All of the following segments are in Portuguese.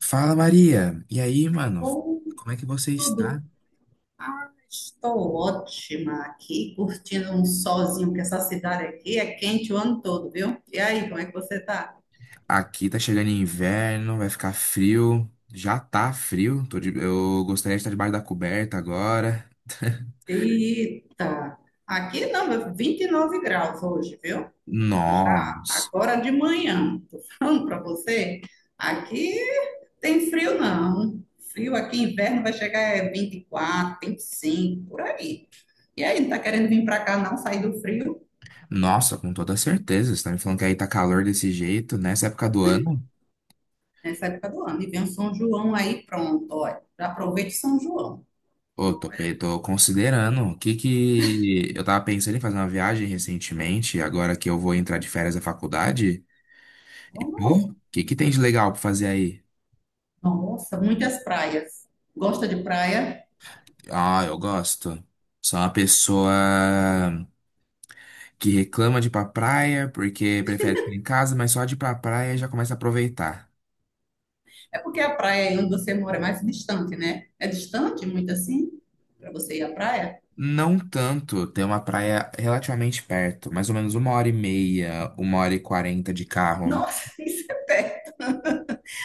Fala, Maria. E aí, mano? Ou Como é que você tudo. está? Estou ótima aqui, curtindo um solzinho, que essa cidade aqui é quente o ano todo, viu? E aí, como é que você tá? Aqui tá chegando inverno, vai ficar frio. Já tá frio. Eu gostaria de estar debaixo da coberta agora. Eita! Aqui não, 29 graus hoje, viu? Já, Nossa. agora de manhã, tô falando pra você, aqui tem frio não. Frio aqui, inverno vai chegar é 24, 25, por aí. E aí, não tá querendo vir pra cá não, sair do frio? Nossa, com toda certeza. Você tá me falando que aí tá calor desse jeito nessa época do ano? Nessa época do ano. E vem o São João aí, pronto, olha. Já aproveite São João. Ô, tô considerando. O que que. Eu tava pensando em fazer uma viagem recentemente, agora que eu vou entrar de férias da faculdade. E, pô, Normal. o que que tem de legal pra fazer aí? Nossa, muitas praias. Gosta de praia? Ah, eu gosto. Sou uma pessoa que reclama de ir pra praia porque prefere ficar em casa, mas só de ir pra praia já começa a aproveitar. É porque a praia aí onde você mora é mais distante, né? É distante, muito assim, para você ir à praia? Não tanto, tem uma praia relativamente perto, mais ou menos uma hora e meia, uma hora e quarenta de carro. Nossa, isso é perto.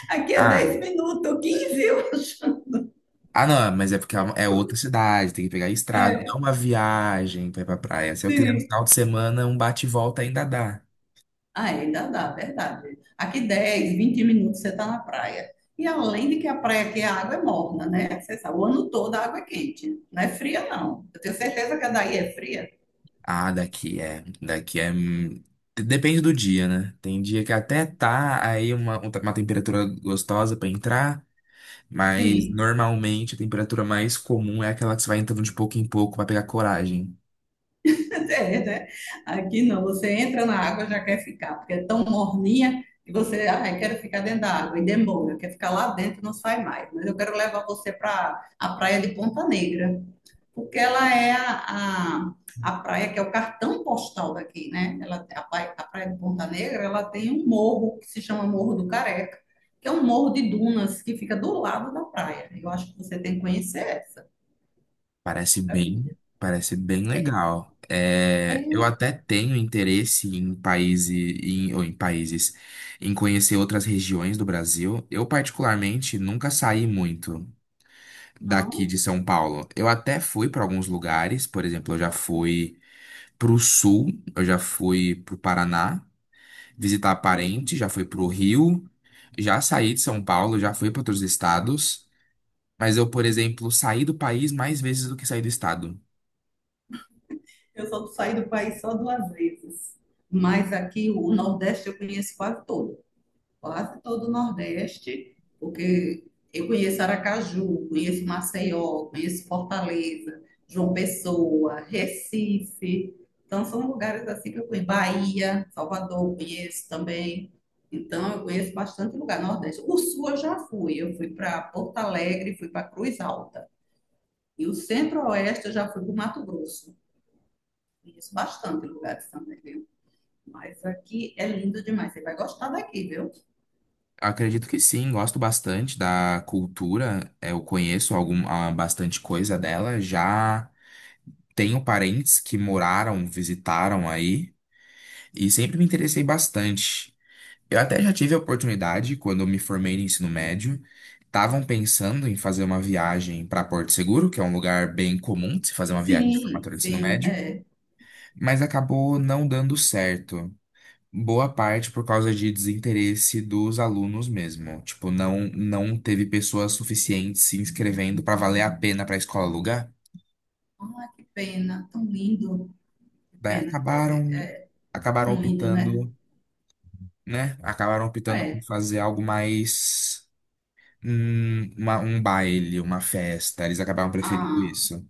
Aqui é Ah, 10 minutos, 15. Ah não, mas é porque é outra cidade, tem que pegar a estrada, não é É, uma viagem pra ir pra praia. Se eu quiser no sim. final de semana, um bate e volta ainda dá. Ah, ainda dá, verdade. Aqui 10, 20 minutos você está na praia. E além de que a praia aqui a água é morna, né? Você sabe, o ano todo a água é quente. Não é fria, não. Eu tenho certeza que a daí é fria. Ah, daqui é. Daqui é. Depende do dia, né? Tem dia que até tá aí uma temperatura gostosa pra entrar, mas Sim, normalmente a temperatura mais comum é aquela que você vai entrando de pouco em pouco pra pegar coragem. é, né? Aqui não, você entra na água já quer ficar, porque é tão morninha que você, ah, eu quero ficar dentro da água e demora, quer ficar lá dentro, não sai mais. Mas eu quero levar você para a praia de Ponta Negra. Porque ela é a praia que é o cartão postal daqui, né? Ela, a praia de Ponta Negra, ela tem um morro que se chama Morro do Careca, que é um morro de dunas que fica do lado da praia. Eu acho que você tem que conhecer essa. Parece bem, Maravilha. parece bem legal. É, eu É, até tenho interesse em países, em, ou em países, em conhecer outras regiões do Brasil. Eu particularmente nunca saí muito daqui não. de São Paulo. Eu até fui para alguns lugares, por exemplo, eu já fui pro sul, eu já fui pro Paraná visitar parente, já fui pro Rio, já saí de São Paulo, já fui para outros estados, mas eu, por exemplo, saí do país mais vezes do que saí do estado. Eu só saí do país só duas vezes, mas aqui o Nordeste eu conheço quase todo. Quase todo o Nordeste, porque eu conheço Aracaju, conheço Maceió, conheço Fortaleza, João Pessoa, Recife. Então, são lugares assim que eu conheço. Bahia, Salvador, conheço também. Então, eu conheço bastante lugar no Nordeste. O Sul eu já fui. Eu fui para Porto Alegre, fui para Cruz Alta. E o Centro-Oeste eu já fui para o Mato Grosso. Conheço bastante lugares também, viu? Mas aqui é lindo demais. Você vai gostar daqui, viu? Acredito que sim, gosto bastante da cultura, eu conheço algum, bastante coisa dela, já tenho parentes que moraram, visitaram aí, e sempre me interessei bastante. Eu até já tive a oportunidade, quando eu me formei no ensino médio, estavam pensando em fazer uma viagem para Porto Seguro, que é um lugar bem comum de se fazer uma viagem de Sim, formatura de ensino sim, médio, é. mas acabou não dando certo. Boa parte por causa de desinteresse dos alunos mesmo. Tipo, não, não teve pessoas suficientes se inscrevendo para valer a pena para a escola alugar. Ah, que pena, tão lindo. Que Daí pena que acabaram, você acabaram não indo, né? optando, né? Acabaram optando por É. fazer algo mais um baile, uma festa. Eles acabaram preferindo Ah, isso.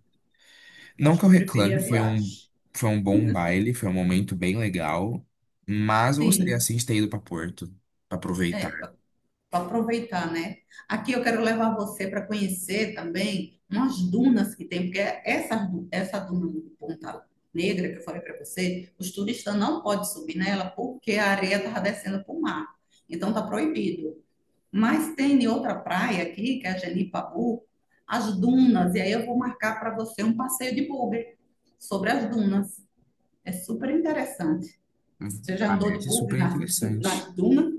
eu Não acho que que eu eu reclame, preferia a viagem. foi um bom baile, foi um momento bem legal, mas eu gostaria Sim, assim de ter ido para Porto, para é, aproveitar. para aproveitar, né? Aqui eu quero levar você para conhecer também umas dunas que tem, porque essa duna de Ponta Negra que eu falei para você, os turistas não podem subir nela porque a areia estava descendo para o mar. Então tá proibido. Mas tem outra praia aqui, que é a Genipabu, as dunas, e aí eu vou marcar para você um passeio de bugre sobre as dunas. É super interessante. Você já andou de Parece bugre super nas, interessante. nas dunas?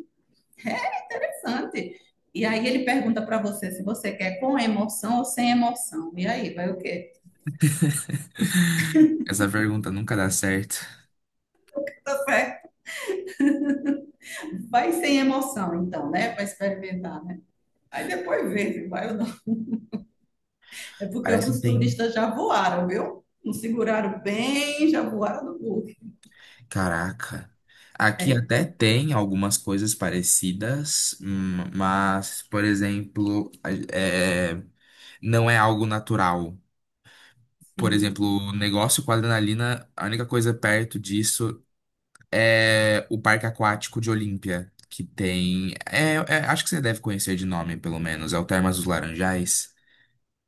É interessante. E aí ele pergunta para você se você quer com emoção ou sem emoção. E aí, vai o quê? Essa pergunta nunca dá certo. Tá certo. Vai sem emoção, então, né? Para experimentar, né? Aí depois vê se vai ou não. É porque Parece que alguns tem. turistas já voaram, viu? Não seguraram bem, já voaram no bugre. Caraca. Aqui É. até tem algumas coisas parecidas, mas, por exemplo, é, não é algo natural. Por Sim. exemplo, negócio com adrenalina, a única coisa perto disso é o Parque Aquático de Olímpia, que tem. Acho que você deve conhecer de nome, pelo menos. É o Termas dos Laranjais.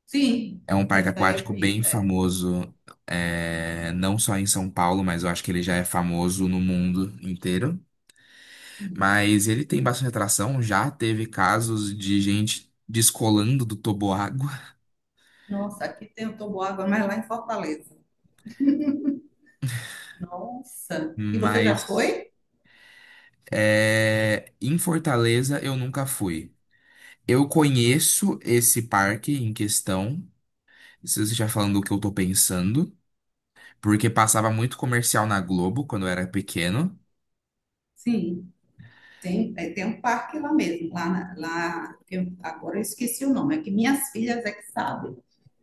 Sim, É um parque essa aí eu aquático bem conheço. É. famoso, é, não só em São Paulo, mas eu acho que ele já é famoso no mundo inteiro. Hum. Mas ele tem bastante atração, já teve casos de gente descolando do toboágua, Nossa, aqui tem o Toboágua, mas lá em Fortaleza. Nossa. E você já mas foi? é, em Fortaleza eu nunca fui. Eu conheço esse parque em questão, se você já falando o que eu tô pensando, porque passava muito comercial na Globo quando eu era pequeno. Sim. Tem, um parque lá mesmo, lá, lá que agora eu esqueci o nome, é que minhas filhas é que sabem.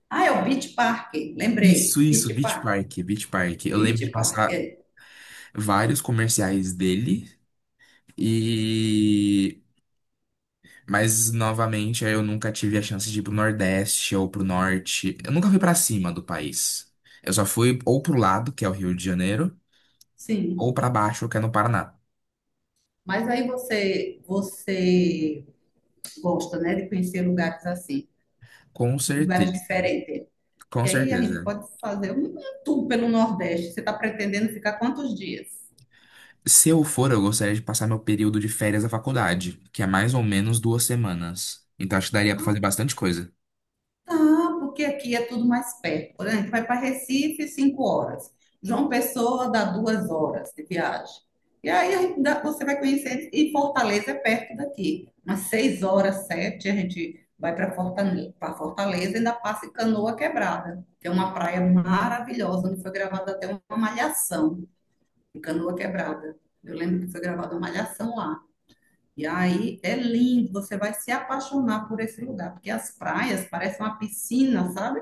Ah, é o Beach Park, Isso, lembrei. isso, Beach Beach Park. Park, Beach Park. Eu lembro Beach de Park, passar é. vários comerciais dele e mas novamente eu nunca tive a chance de ir pro Nordeste ou pro Norte. Eu nunca fui pra cima do país. Eu só fui ou pro lado, que é o Rio de Janeiro, ou Sim. pra baixo, que é no Paraná. Mas aí você gosta, né, de conhecer lugares assim, Com lugares certeza. diferentes. Com Que aí a gente certeza. pode fazer um tour pelo Nordeste. Você está pretendendo ficar quantos dias? Se eu for, eu gostaria de passar meu período de férias da faculdade, que é mais ou menos 2 semanas. Então acho que daria pra fazer bastante coisa. Tá, porque aqui é tudo mais perto. Por exemplo, vai para Recife, 5 horas. João Pessoa dá 2 horas de viagem. E aí a gente você vai conhecer. E Fortaleza é perto daqui. Umas 6 horas, 7, a gente vai para Fortaleza, e ainda passa em Canoa Quebrada, que é uma praia maravilhosa, onde foi gravada até uma malhação de Canoa Quebrada. Eu lembro que foi gravada uma malhação lá. E aí é lindo, você vai se apaixonar por esse lugar, porque as praias parecem uma piscina, sabe?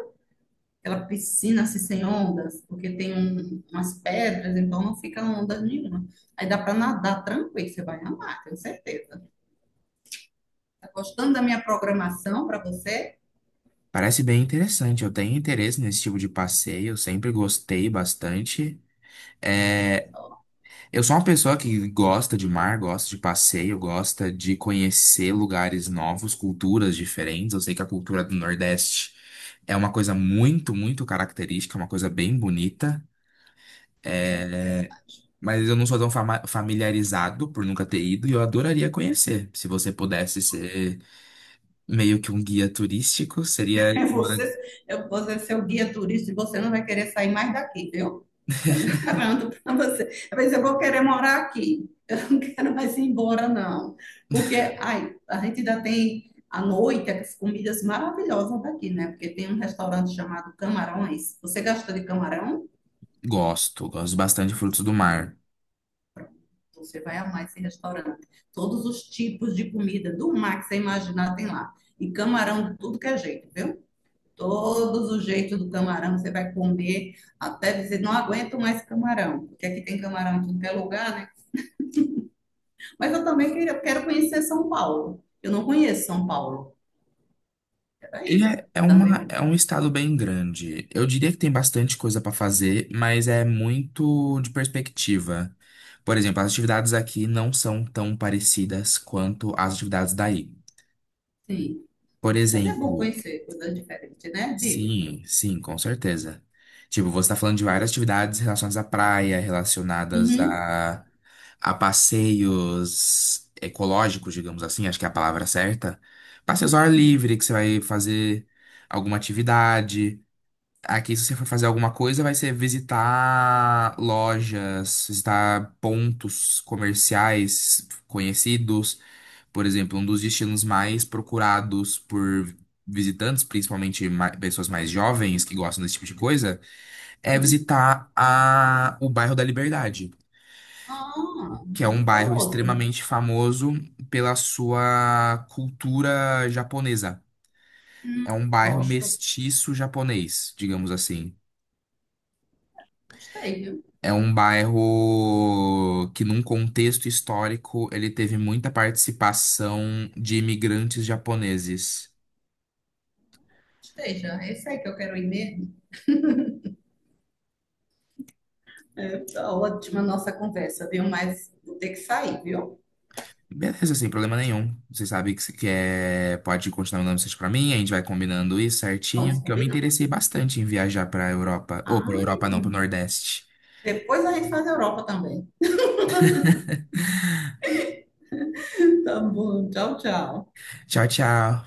Aquela piscina assim, sem ondas, porque tem umas pedras, então não fica onda nenhuma. Aí dá para nadar tranquilo, você vai amar, tenho certeza. Tá gostando da minha programação para você? Parece bem interessante, eu tenho interesse nesse tipo de passeio, sempre gostei bastante. É, Só, eu sou uma pessoa que gosta de mar, gosta de passeio, gosta de conhecer lugares novos, culturas diferentes. Eu sei que a cultura do Nordeste é uma coisa muito, muito característica, é uma coisa bem bonita. é, é. É, mas eu não sou tão familiarizado por nunca ter ido e eu adoraria conhecer. Se você pudesse ser meio que um guia turístico, seria É você, uma... eu vou ser seu guia turista e você não vai querer sair mais daqui, viu? Eu garanto para você. Às vezes eu vou querer morar aqui. Eu não quero mais ir embora, não. Porque ai, a gente ainda tem à noite as comidas maravilhosas daqui, né? Porque tem um restaurante chamado Camarões. Você gosta de camarão? Gosto, gosto bastante de frutos do mar. Você vai amar esse restaurante. Todos os tipos de comida do mar que você imaginar tem lá. E camarão de tudo que é jeito, viu? Todos os jeitos do camarão, você vai comer até dizer, não aguento mais camarão, porque aqui tem camarão em tudo é lugar, né? Mas eu também quero conhecer São Paulo. Eu não conheço São Paulo. E Peraí, é, é, uma, é também, um estado bem grande. Eu diria que tem bastante coisa para fazer, mas é muito de perspectiva. Por exemplo, as atividades aqui não são tão parecidas quanto as atividades daí. sim. Por Mas é bom exemplo, conhecer coisas diferentes, né? Diga. sim, sim, com certeza. Tipo, você tá falando de várias atividades relacionadas à praia, relacionadas Uhum, a passeios ecológicos, digamos assim, acho que é a palavra certa. Passeios ao ar sim, livre, que você vai fazer alguma atividade. Aqui, se você for fazer alguma coisa, vai ser visitar lojas, visitar pontos comerciais conhecidos. Por exemplo, um dos destinos mais procurados por visitantes, principalmente pessoas mais jovens que gostam desse tipo de coisa, é sim. visitar o bairro da Liberdade, Ah, que é muito um bairro famoso. extremamente famoso pela sua cultura japonesa. Hum, É um bairro Gosto. mestiço japonês, digamos assim. Gostei, viu? É um bairro que, num contexto histórico, ele teve muita participação de imigrantes japoneses. Gostei já. Esse aí que eu quero ir mesmo. É, tá ótima a nossa conversa, viu? Mas vou ter que sair, viu? Beleza, sem problema nenhum. Você sabe que, que é, pode continuar mandando mensagem pra mim, a gente vai combinando isso certinho, Vamos que eu me combinar. interessei bastante em viajar pra Europa. Ou pra Ai, Europa que não, pro Nordeste. Depois a gente faz a Europa também. Tá bom, tchau, tchau. Tchau, tchau.